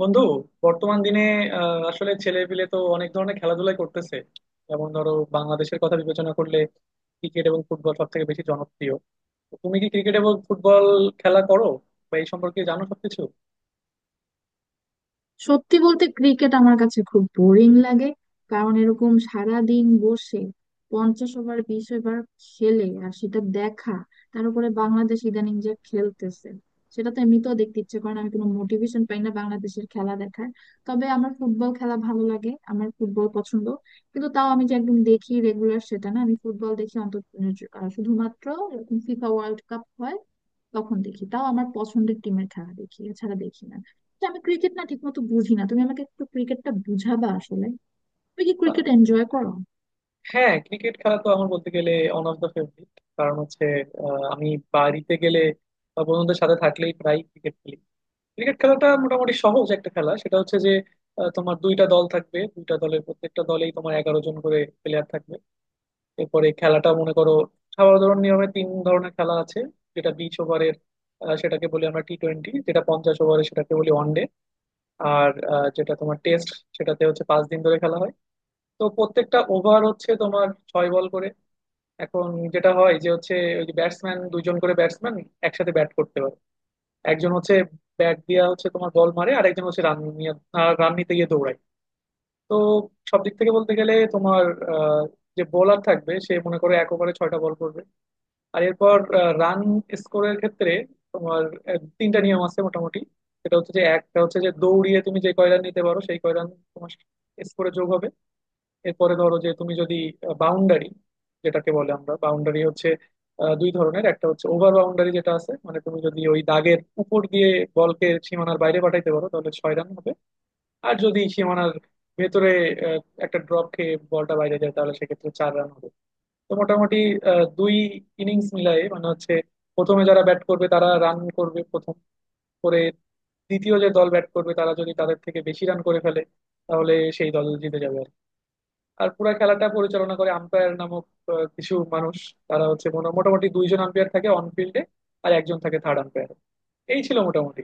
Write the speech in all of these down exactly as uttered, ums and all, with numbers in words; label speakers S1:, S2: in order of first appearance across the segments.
S1: বন্ধু, বর্তমান দিনে আহ, আসলে ছেলে পিলে তো অনেক ধরনের খেলাধুলাই করতেছে। যেমন ধরো, বাংলাদেশের কথা বিবেচনা করলে ক্রিকেট এবং ফুটবল সব থেকে বেশি জনপ্রিয়। তো তুমি কি ক্রিকেট এবং ফুটবল খেলা করো বা এই সম্পর্কে জানো সবকিছু?
S2: সত্যি বলতে ক্রিকেট আমার কাছে খুব বোরিং লাগে। কারণ এরকম সারা দিন বসে পঞ্চাশ ওভার বিশ ওভার খেলে আর সেটা দেখা। তার উপরে বাংলাদেশ ইদানিং যা খেলতেছে, সেটা তো এমনিতেও দেখতে ইচ্ছে করে না, আমি কোনো মোটিভেশন পাই না বাংলাদেশের খেলা দেখার। তবে আমার ফুটবল খেলা ভালো লাগে, আমার ফুটবল পছন্দ। কিন্তু তাও আমি যে একদম দেখি রেগুলার সেটা না, আমি ফুটবল দেখি অন্তত আহ, শুধুমাত্র এরকম ফিফা ওয়ার্ল্ড কাপ হয় তখন দেখি, তাও আমার পছন্দের টিমের খেলা দেখি এছাড়া দেখি না। তো আমি ক্রিকেট না ঠিক মতো বুঝি না, তুমি আমাকে একটু ক্রিকেটটা বুঝাবা আসলে। তুমি কি
S1: আহ,
S2: ক্রিকেট এনজয় করো?
S1: হ্যাঁ, ক্রিকেট খেলা তো আমার বলতে গেলে ওয়ান অফ দ্য ফেভারিট। কারণ হচ্ছে আহ, আমি বাড়িতে গেলে বা বন্ধুদের সাথে থাকলেই প্রায় ক্রিকেট খেলি। ক্রিকেট খেলাটা মোটামুটি সহজ একটা খেলা। সেটা হচ্ছে যে আহ, তোমার দুইটা দল থাকবে, দুইটা দলের প্রত্যেকটা দলেই তোমার এগারো জন করে প্লেয়ার থাকবে। এরপরে খেলাটা মনে করো সাধারণ নিয়মে তিন ধরনের খেলা আছে। যেটা বিশ ওভারের, সেটাকে বলি আমরা টি টোয়েন্টি; যেটা পঞ্চাশ ওভারের সেটাকে বলি ওয়ানডে; আর আহ, যেটা তোমার টেস্ট সেটাতে হচ্ছে পাঁচ দিন ধরে খেলা হয়। তো প্রত্যেকটা ওভার হচ্ছে তোমার ছয় বল করে। এখন যেটা হয় যে হচ্ছে ওই যে ব্যাটসম্যান, দুইজন করে ব্যাটসম্যান একসাথে ব্যাট করতে পারে। একজন হচ্ছে ব্যাট দিয়া হচ্ছে তোমার বল মারে, আর একজন হচ্ছে রান নিয়ে, রান নিতে গিয়ে দৌড়ায়। তো সব দিক থেকে বলতে গেলে তোমার আহ, যে বোলার থাকবে সে মনে করো এক ওভারে ছয়টা বল করবে। আর এরপর রান স্কোরের ক্ষেত্রে তোমার আহ, তিনটা নিয়ম আছে মোটামুটি। সেটা হচ্ছে যে একটা হচ্ছে যে দৌড়িয়ে তুমি যে কয় রান নিতে পারো সেই কয় রান তোমার স্কোরে যোগ হবে। এরপরে ধরো যে তুমি যদি বাউন্ডারি, যেটাকে বলে আমরা বাউন্ডারি হচ্ছে আহ, দুই ধরনের, একটা হচ্ছে ওভার বাউন্ডারি, যেটা আছে মানে তুমি যদি ওই দাগের উপর দিয়ে বলকে সীমানার বাইরে পাঠাইতে পারো তাহলে ছয় রান হবে। আর যদি সীমানার ভেতরে আহ, একটা ড্রপ খেয়ে বলটা বাইরে যায় তাহলে সেক্ষেত্রে চার রান হবে। তো মোটামুটি আহ, দুই ইনিংস মিলাই মানে হচ্ছে প্রথমে যারা ব্যাট করবে তারা রান করবে প্রথম করে, দ্বিতীয় যে দল ব্যাট করবে তারা যদি তাদের থেকে বেশি রান করে ফেলে তাহলে সেই দল জিতে যাবে আর কি। আর পুরা খেলাটা পরিচালনা করে আম্পায়ার নামক আহ, কিছু মানুষ। তারা হচ্ছে মোটা- মোটামুটি দুইজন আম্পায়ার থাকে অন ফিল্ডে, আর একজন থাকে থার্ড আম্পায়ার। এই ছিল মোটামুটি।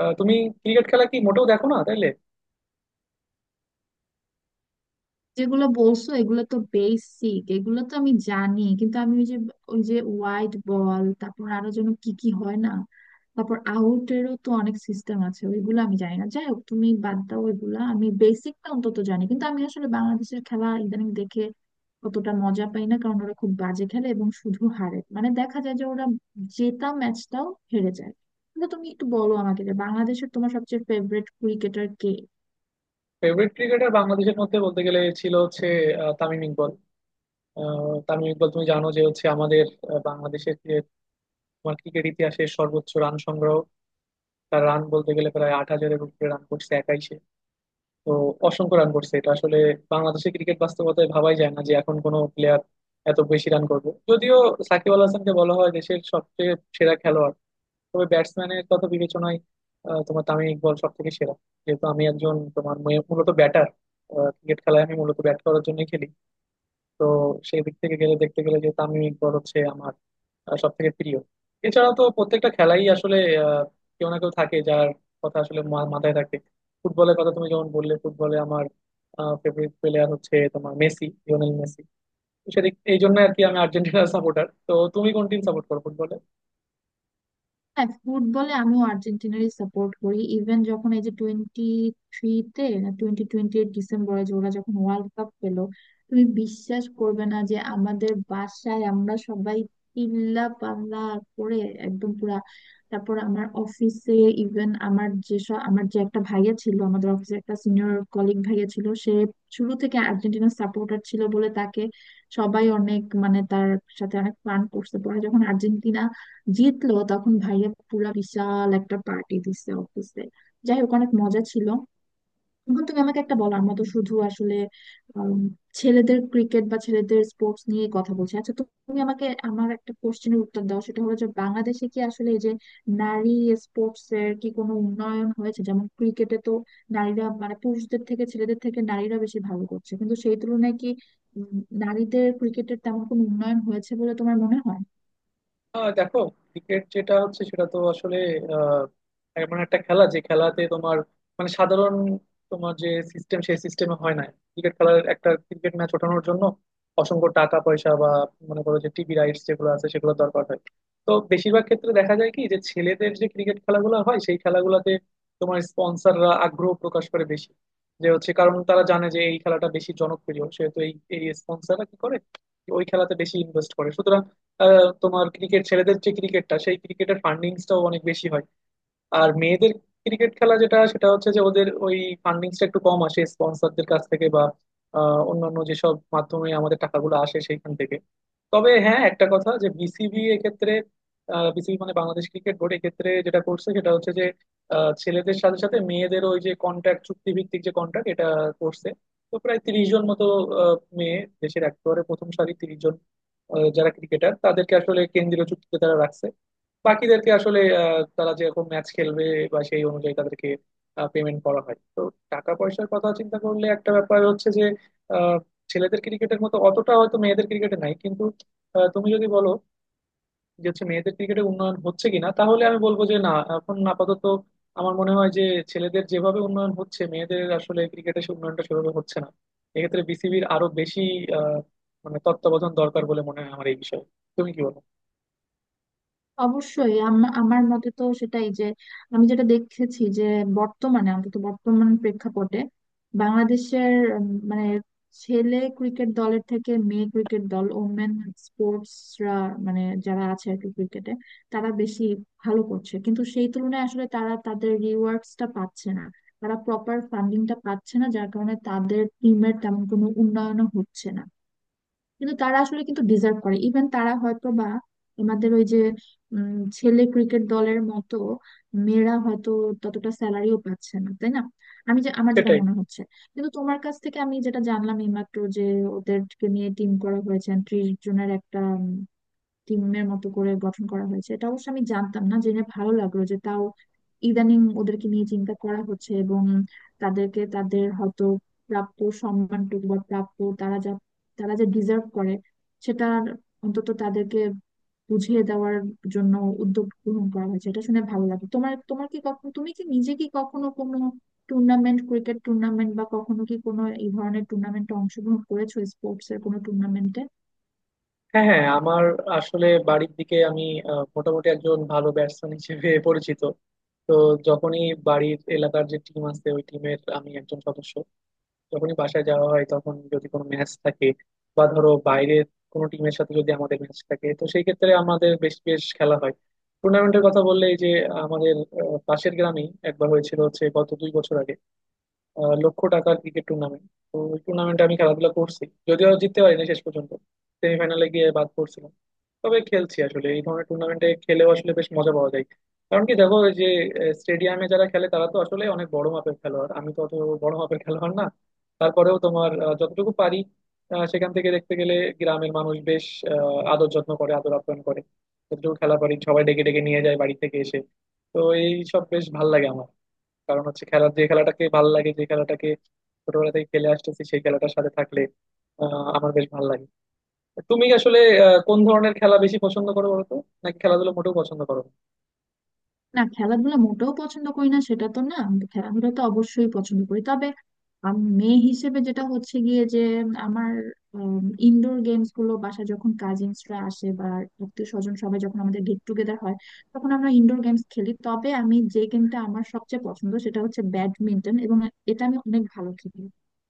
S1: আহ, তুমি ক্রিকেট খেলা কি মোটেও দেখো না তাইলে?
S2: যেগুলো বলছো এগুলো তো বেসিক, এগুলো তো আমি জানি, কিন্তু আমি ওই যে ওই যে ওয়াইড বল, তারপর আরো যেন কি কি হয় না, তারপর আউটেরও তো অনেক সিস্টেম আছে, ওইগুলো আমি জানি না। যাই হোক, তুমি বাদ দাও ওইগুলা, আমি বেসিকটা অন্তত জানি। কিন্তু আমি আসলে বাংলাদেশের খেলা ইদানিং দেখে অতটা মজা পাই না, কারণ ওরা খুব বাজে খেলে এবং শুধু হারে, মানে দেখা যায় যে ওরা জেতা ম্যাচটাও হেরে যায়। কিন্তু তুমি একটু বলো আমাকে যে বাংলাদেশের তোমার সবচেয়ে ফেভারিট ক্রিকেটার কে?
S1: ফেভারিট ক্রিকেটার বাংলাদেশের মধ্যে বলতে গেলে ছিল হচ্ছে আহ, তামিম ইকবল। আহ, তামিম ইকবল, তুমি জানো যে হচ্ছে আমাদের আহ, বাংলাদেশের তোমার ক্রিকেট ইতিহাসের সর্বোচ্চ রান সংগ্রহ। তার রান বলতে গেলে প্রায় আট হাজারের উপরে রান করছে একাই সে। তো অসংখ্য রান করছে। এটা আসলে বাংলাদেশের ক্রিকেট বাস্তবতায় ভাবাই যায় না যে এখন কোনো প্লেয়ার এত বেশি রান করবে। যদিও সাকিব আল হাসানকে বলা হয় দেশের সবচেয়ে সেরা খেলোয়াড়, তবে ব্যাটসম্যানের কথা বিবেচনায় আহ, তোমার তামিম ইকবল সব থেকে সেরা। যেহেতু আমি একজন তোমার মূলত ব্যাটার, ক্রিকেট খেলায় আমি মূলত ব্যাট করার জন্যই খেলি। তো সেই দিক থেকে গেলে দেখতে গেলে যে তামিম ইকবল হচ্ছে আমার সব থেকে প্রিয়। এছাড়া তো প্রত্যেকটা খেলাই আসলে আহ, কেউ না কেউ থাকে যার কথা আসলে মা- মাথায় থাকে। ফুটবলের কথা তুমি যেমন বললে, ফুটবলে আমার ফেভারিট প্লেয়ার হচ্ছে তোমার মেসি, লিওনেল মেসি। তো সেদিক এই জন্য আর কি, আমি আর্জেন্টিনার সাপোর্টার। তো তুমি কোন টিম সাপোর্ট করো ফুটবলে?
S2: হ্যাঁ, ফুটবলে আমিও আর্জেন্টিনারই সাপোর্ট করি। ইভেন যখন এই যে টোয়েন্টি থ্রিতে টোয়েন্টি টোয়েন্টি এইট ডিসেম্বরে যে ওরা যখন ওয়ার্ল্ড কাপ পেলো, তুমি বিশ্বাস করবে না যে আমাদের বাসায় আমরা সবাই চিল্লা পাল্লা করে একদম পুরা। তারপর আমার অফিসে, ইভেন আমার যেসব আমার যে একটা ভাইয়া ছিল আমাদের অফিসে, একটা সিনিয়র কলিগ ভাইয়া ছিল, সে শুরু থেকে আর্জেন্টিনার সাপোর্টার ছিল বলে তাকে সবাই অনেক, মানে তার সাথে অনেক ফান করছে। পরে যখন আর্জেন্টিনা জিতলো, তখন ভাইয়া পুরা বিশাল একটা পার্টি দিছে অফিসে। যাই হোক, অনেক মজা ছিল। এখন তুমি আমাকে একটা বলো, আমরা তো শুধু আসলে উম, ছেলেদের ক্রিকেট বা ছেলেদের স্পোর্টস নিয়ে কথা বলছি। আচ্ছা, তো তুমি আমাকে আমার একটা কোশ্চেনের উত্তর দাও, সেটা হলো যে বাংলাদেশে কি আসলে এই যে নারী স্পোর্টস এর কি কোনো উন্নয়ন হয়েছে? যেমন ক্রিকেটে তো নারীরা, মানে পুরুষদের থেকে ছেলেদের থেকে নারীরা বেশি ভালো করছে, কিন্তু সেই তুলনায় কি উম, নারীদের ক্রিকেটের তেমন কোনো উন্নয়ন হয়েছে বলে তোমার মনে হয়?
S1: আহ, দেখো, ক্রিকেট যেটা হচ্ছে সেটা তো আসলে আহ, এমন একটা খেলা যে খেলাতে তোমার মানে সাধারণ তোমার যে সিস্টেম সেই সিস্টেমে হয় না। ক্রিকেট খেলার একটা ক্রিকেট ম্যাচ ওঠানোর জন্য অসংখ্য টাকা পয়সা বা মনে করো যে টিভি রাইটস যেগুলো আছে সেগুলো দরকার হয়। তো বেশিরভাগ ক্ষেত্রে দেখা যায় কি যে ছেলেদের যে ক্রিকেট খেলাগুলো হয় সেই খেলাগুলোতে তোমার স্পন্সররা আগ্রহ প্রকাশ করে বেশি। যে হচ্ছে কারণ তারা জানে যে এই খেলাটা বেশি জনপ্রিয়, সেহেতু এই এই স্পন্সররা কি করে ওই খেলাতে বেশি ইনভেস্ট করে। আহ, তোমার ক্রিকেট ছেলেদের যে ক্রিকেটটা সেই ক্রিকেটের ফান্ডিংসটাও অনেক বেশি হয়। আর মেয়েদের ক্রিকেট খেলা যেটা সেটা হচ্ছে যে ওদের ওই ফান্ডিংসটা একটু কম আসে স্পন্সরদের কাছ থেকে বা আহ, অন্যান্য যেসব মাধ্যমে আমাদের টাকাগুলো আসে সেইখান থেকে। তবে হ্যাঁ, একটা কথা যে বিসিবি এক্ষেত্রে, বিসিবি মানে বাংলাদেশ ক্রিকেট বোর্ড এক্ষেত্রে যেটা করছে সেটা হচ্ছে যে আহ, ছেলেদের সাথে সাথে মেয়েদের ওই যে কন্ট্রাক্ট, চুক্তি ভিত্তিক যে কন্ট্রাক্ট এটা করছে। তো প্রায় তিরিশ জন মতো আহ, মেয়ে দেশের একেবারে প্রথম সারি তিরিশ জন আহ, যারা ক্রিকেটার তাদেরকে আসলে কেন্দ্রীয় চুক্তিতে তারা রাখছে। বাকিদেরকে আসলে আহ, তারা যেরকম ম্যাচ খেলবে বা সেই অনুযায়ী তাদেরকে পেমেন্ট করা হয়। তো টাকা পয়সার কথা চিন্তা করলে একটা ব্যাপার হচ্ছে যে আহ, ছেলেদের ক্রিকেটের মতো অতটা হয়তো মেয়েদের ক্রিকেটে নাই। কিন্তু আহ, তুমি যদি বলো যে হচ্ছে মেয়েদের ক্রিকেটে উন্নয়ন হচ্ছে কিনা তাহলে আমি বলবো যে না, এখন আপাতত আমার মনে হয় যে ছেলেদের যেভাবে উন্নয়ন হচ্ছে মেয়েদের আসলে ক্রিকেটে সে উন্নয়নটা সেভাবে হচ্ছে না। এক্ষেত্রে বিসিবির আরো বেশি আহ, মানে তত্ত্বাবধান দরকার বলে মনে হয় আমার এই বিষয়ে। তুমি কি বলো?
S2: অবশ্যই, আম- আমার মতে তো সেটাই, যে আমি যেটা দেখেছি যে বর্তমানে, অন্তত বর্তমান প্রেক্ষাপটে বাংলাদেশের, উম, মানে ছেলে ক্রিকেট দলের থেকে মেয়ে ক্রিকেট দল, ওমেন স্পোর্টসরা, মানে যারা আছে আর কি ক্রিকেটে, তারা বেশি ভালো করছে। কিন্তু সেই তুলনায় আসলে তারা তাদের রিওয়ার্ডসটা পাচ্ছে না, তারা প্রপার ফান্ডিংটা পাচ্ছে না, যার কারণে তাদের টিমের তেমন কোনো উন্নয়নও হচ্ছে না। কিন্তু তারা আসলে কিন্তু ডিজার্ভ করে। ইভেন তারা হয়তো বা আমাদের ওই যে উম, ছেলে ক্রিকেট দলের মতো মেয়েরা হয়তো ততটা স্যালারিও পাচ্ছে না, তাই না? আমি যে, আমার যেটা
S1: সেটাই।
S2: মনে হচ্ছে, কিন্তু তোমার কাছ থেকে আমি যেটা জানলাম এইমাত্র যে ওদেরকে নিয়ে টিম করা হয়েছে, ত্রিশ জনের একটা টিমের মতো করে গঠন করা হয়েছে, এটা অবশ্য আমি জানতাম না, জেনে ভালো লাগলো যে তাও ইদানিং ওদেরকে নিয়ে চিন্তা করা হচ্ছে এবং তাদেরকে, তাদের হয়তো প্রাপ্য সম্মানটুকু বা প্রাপ্য, তারা যা, তারা যা ডিজার্ভ করে সেটা অন্তত তাদেরকে বুঝিয়ে দেওয়ার জন্য উদ্যোগ গ্রহণ করা হয়েছে, এটা শুনে ভালো লাগে। তোমার, তোমার কি কখনো, তুমি কি নিজে কি কখনো কোনো টুর্নামেন্ট, ক্রিকেট টুর্নামেন্ট বা কখনো কি কোনো এই ধরনের টুর্নামেন্টে অংশগ্রহণ করেছো, স্পোর্টস এর কোনো টুর্নামেন্টে?
S1: হ্যাঁ, হ্যাঁ, আমার আসলে বাড়ির দিকে আমি আহ, মোটামুটি একজন ভালো ব্যাটসম্যান হিসেবে পরিচিত। তো যখনই বাড়ির এলাকার যে টিম আছে ওই টিমের আমি একজন সদস্য। যখনই বাসায় যাওয়া হয় তখন যদি কোনো ম্যাচ থাকে বা ধরো বাইরের কোনো টিমের সাথে যদি আমাদের ম্যাচ থাকে তো সেই ক্ষেত্রে আমাদের বেশ বেশ খেলা হয়। টুর্নামেন্টের কথা বললে, এই যে আমাদের আহ, পাশের গ্রামেই একবার হয়েছিল হচ্ছে গত দুই বছর আগে আহ, লক্ষ টাকার ক্রিকেট টুর্নামেন্ট। তো ওই টুর্নামেন্টে আমি খেলাধুলা করছি, যদিও জিততে পারিনি শেষ পর্যন্ত, সেমিফাইনালে গিয়ে বাদ পড়ছিল। তবে খেলছি। আসলে এই ধরনের টুর্নামেন্টে খেলেও আসলে বেশ মজা পাওয়া যায়। কারণ কি দেখো, ওই যে স্টেডিয়ামে যারা খেলে তারা তো আসলে অনেক বড় মাপের খেলোয়াড়, আমি তো অত বড় মাপের খেলোয়াড় না। তারপরেও তোমার আহ, যতটুকু পারি আহ, সেখান থেকে দেখতে গেলে গ্রামের মানুষ বেশ আহ, আদর যত্ন করে, আদর আপ্যায়ন করে। যতটুকু খেলা পারি সবাই ডেকে ডেকে নিয়ে যায় বাড়ি থেকে এসে। তো এই সব বেশ ভাল লাগে আমার। কারণ হচ্ছে খেলা, যে খেলাটাকে ভাল লাগে, যে খেলাটাকে ছোটবেলা থেকে খেলে আসতেছি সেই খেলাটার সাথে থাকলে আহ আমার বেশ ভাল লাগে। তুমি আসলে আহ, কোন ধরনের খেলা বেশি পছন্দ করো বলো তো? নাকি খেলাধুলো মোটেও পছন্দ করো না?
S2: না, খেলাধুলা মোটেও পছন্দ করি না সেটা তো না, খেলাধুলা তো অবশ্যই পছন্দ করি। তবে আম, মেয়ে হিসেবে যেটা হচ্ছে গিয়ে, যে আমার ইনডোর গেমস গুলো, বাসায় যখন কাজিনসরা আসে বা আত্মীয় স্বজন সবাই যখন আমাদের গেট টুগেদার হয়, তখন আমরা ইনডোর গেমস খেলি। তবে আমি যে গেমটা আমার সবচেয়ে পছন্দ সেটা হচ্ছে ব্যাডমিন্টন, এবং এটা আমি অনেক ভালো খেলি।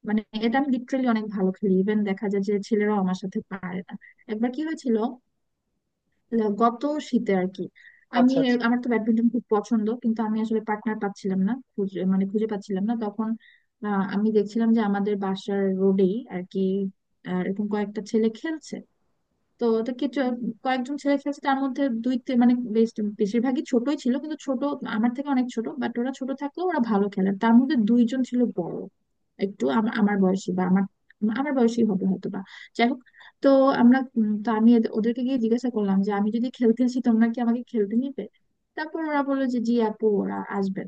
S2: মানে এটা আমি লিটারেলি অনেক ভালো খেলি, ইভেন দেখা যায় যে ছেলেরাও আমার সাথে পারে না। একবার কি হয়েছিল, ল- গত শীতে আর কি, আমি
S1: আচ্ছা, আচ্ছা।
S2: এর- আমার তো ব্যাডমিন্টন খুব পছন্দ, কিন্তু আমি আসলে পার্টনার পাচ্ছিলাম না, খুঁজে মানে খুঁজে পাচ্ছিলাম না। তখন আহ, আমি দেখছিলাম যে আমাদের বাসার রোডেই আর কি আহ, এরকম কয়েকটা ছেলে খেলছে। তো তো কিছু কয়েকজন ছেলে খেলছে, তার মধ্যে দুই তি- মানে বেশ বেশিরভাগই ছোটই ছিল, কিন্তু ছোট, আমার থেকে অনেক ছোট, বাট ওরা ছোট থাকলেও ওরা ভালো খেলে। তার মধ্যে দুইজন ছিল বড়, একটু আমার আমার বয়সী বা আমার, আমার বয়সী হবে হয়তো বা। যাই হোক, তো আমরা উম, তো আমি এদে- ওদেরকে গিয়ে জিজ্ঞাসা করলাম যে আমি যদি খেলতে আসি তোমরা কি আমাকে খেলতে নিবে। তারপর ওরা বললো যে জি আপু, ওরা আসবে।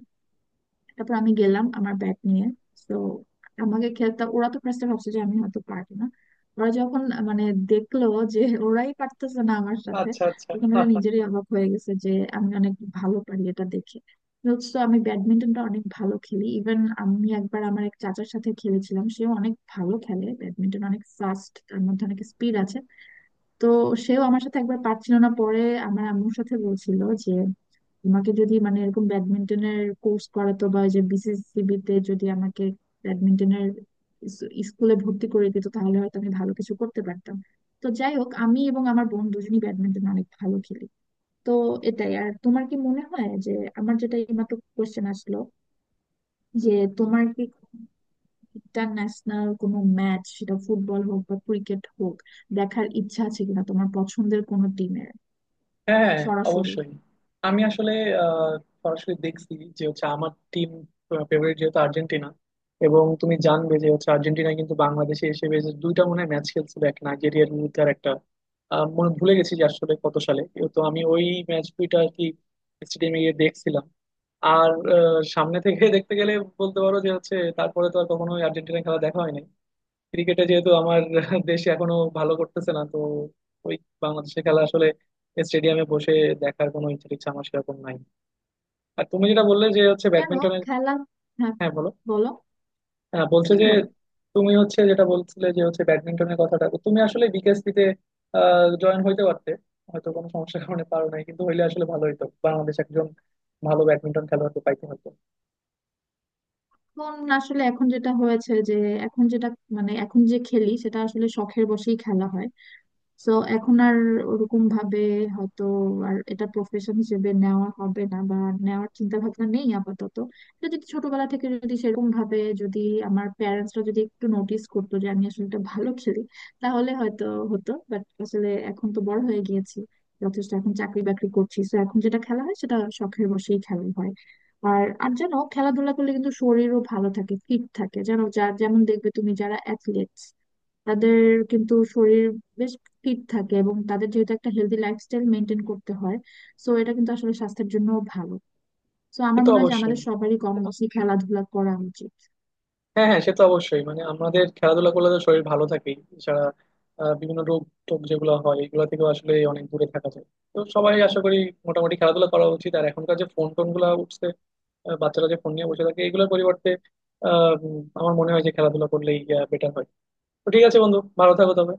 S2: তারপর আমি গেলাম আমার ব্যাগ নিয়ে। তো আমাকে খেলতে ওরা তো ফার্স্টে ভাবছে যে আমি হয়তো পারবো না। ওরা যখন মানে দেখলো যে ওরাই পারতেছে না আমার সাথে,
S1: আচ্ছা, আচ্ছা।
S2: তখন ওরা নিজেরই অবাক হয়ে গেছে যে আমি অনেক ভালো পারি এটা দেখে। তো আমি ব্যাডমিন্টনটা অনেক ভালো খেলি। ইভেন আমি একবার আমার এক চাচার সাথে খেলেছিলাম, সেও অনেক ভালো খেলে ব্যাডমিন্টন, অনেক ফাস্ট, তার মধ্যে অনেক স্পিড আছে। তো সেও আমার সাথে একবার পারছিল না, পরে আমার আম্মুর সাথে বলছিল যে তোমাকে যদি, মানে এরকম ব্যাডমিন্টনের কোর্স করাতো বা ওই যে বিসিসিবি তে যদি আমাকে ব্যাডমিন্টনের স্কুলে ভর্তি করে দিত, তাহলে হয়তো আমি ভালো কিছু করতে পারতাম। তো যাই হোক, আমি এবং আমার বোন দুজনই ব্যাডমিন্টন অনেক ভালো খেলি। তো এটাই। আর তোমার কি মনে হয় যে, আমার যেটা এইমাত্র কোশ্চেন আসলো, যে তোমার কি ইন্টারন্যাশনাল কোনো ম্যাচ, সেটা ফুটবল হোক বা ক্রিকেট হোক, দেখার ইচ্ছা আছে কিনা তোমার পছন্দের কোনো টিমের,
S1: হ্যাঁ, হ্যাঁ,
S2: সরাসরি?
S1: অবশ্যই। আমি আসলে আহ, সরাসরি দেখছি। যে হচ্ছে আমার টিম ফেভারিট যেহেতু আর্জেন্টিনা, এবং তুমি জানবে যে হচ্ছে আর্জেন্টিনা কিন্তু বাংলাদেশে এসে বেশ দুইটা মনে হয় ম্যাচ খেলছিল, এক নাইজেরিয়ার বিরুদ্ধে আর একটা আহ, মনে ভুলে গেছি যে আসলে কত সালে। তো আমি ওই ম্যাচ দুইটা আর কি স্টেডিয়ামে গিয়ে দেখছিলাম। আর আহ, সামনে থেকে দেখতে গেলে বলতে পারো যে হচ্ছে তারপরে তো আর কখনো আর্জেন্টিনা খেলা দেখা হয়নি। ক্রিকেটে যেহেতু আমার দেশ এখনো ভালো করতেছে না, তো ওই বাংলাদেশের খেলা আসলে স্টেডিয়ামে বসে দেখার কোনো ইচ্ছা টিচ্ছা আমার সেরকম নাই। আর তুমি যেটা বললে যে হচ্ছে
S2: জানো,
S1: ব্যাডমিন্টনের,
S2: খেলা। হ্যাঁ
S1: হ্যাঁ বলো।
S2: বলো।
S1: হ্যাঁ বলছে
S2: তুমি
S1: যে
S2: বলো।
S1: তুমি হচ্ছে যেটা বলছিলে যে হচ্ছে ব্যাডমিন্টনের কথাটা, তো তুমি আসলে বিকেএসপিতে আহ, জয়েন হইতে পারতে। হয়তো কোনো সমস্যার কারণে পারো নাই, কিন্তু হইলে আসলে ভালো হইতো, বাংলাদেশ একজন ভালো ব্যাডমিন্টন খেলোয়াড়কে পাইতে হতো।
S2: এখন আসলে, এখন যেটা হয়েছে যে এখন যেটা, মানে এখন যে খেলি সেটা আসলে শখের বশেই খেলা হয়। সো এখন আর ওরকম ভাবে হয়তো আর এটা প্রফেশন হিসেবে নেওয়া হবে না বা নেওয়ার চিন্তা ভাবনা নেই আপাতত। এটা যদি ছোটবেলা থেকে, যদি সেরকম ভাবে, যদি আমার প্যারেন্টসরা যদি একটু নোটিস করতো যে আমি আসলে এটা ভালো খেলি, তাহলে হয়তো হতো। বাট আসলে এখন তো বড় হয়ে গিয়েছি যথেষ্ট, এখন চাকরি বাকরি করছি, তো এখন যেটা খেলা হয় সেটা শখের বশেই খেলা হয়। আর, আর জানো, খেলাধুলা করলে কিন্তু শরীরও ভালো থাকে, ফিট থাকে। জানো, যার যেমন দেখবে, তুমি যারা অ্যাথলেট তাদের কিন্তু শরীর বেশ ফিট থাকে, এবং তাদের যেহেতু একটা হেলদি লাইফস্টাইল মেনটেন করতে হয়, সো এটা কিন্তু আসলে স্বাস্থ্যের জন্য ভালো। তো
S1: সে
S2: আমার
S1: তো
S2: মনে হয় যে আমাদের
S1: অবশ্যই।
S2: সবারই কম বেশি খেলাধুলা করা উচিত।
S1: হ্যাঁ, হ্যাঁ, সে তো অবশ্যই, মানে আমাদের খেলাধুলা করলে তো শরীর ভালো থাকেই, এছাড়া আহ, বিভিন্ন রোগ টোগ যেগুলো হয় এগুলো থেকেও আসলে অনেক দূরে থাকা যায়। তো সবাই আশা করি মোটামুটি খেলাধুলা করা উচিত। আর এখনকার যে ফোন টোন গুলা উঠছে, আহ, বাচ্চারা যে ফোন নিয়ে বসে থাকে এগুলোর পরিবর্তে আহ উম, আমার মনে হয় যে খেলাধুলা করলেই বেটার হয়। তো ঠিক আছে বন্ধু, ভালো থাকো তবে।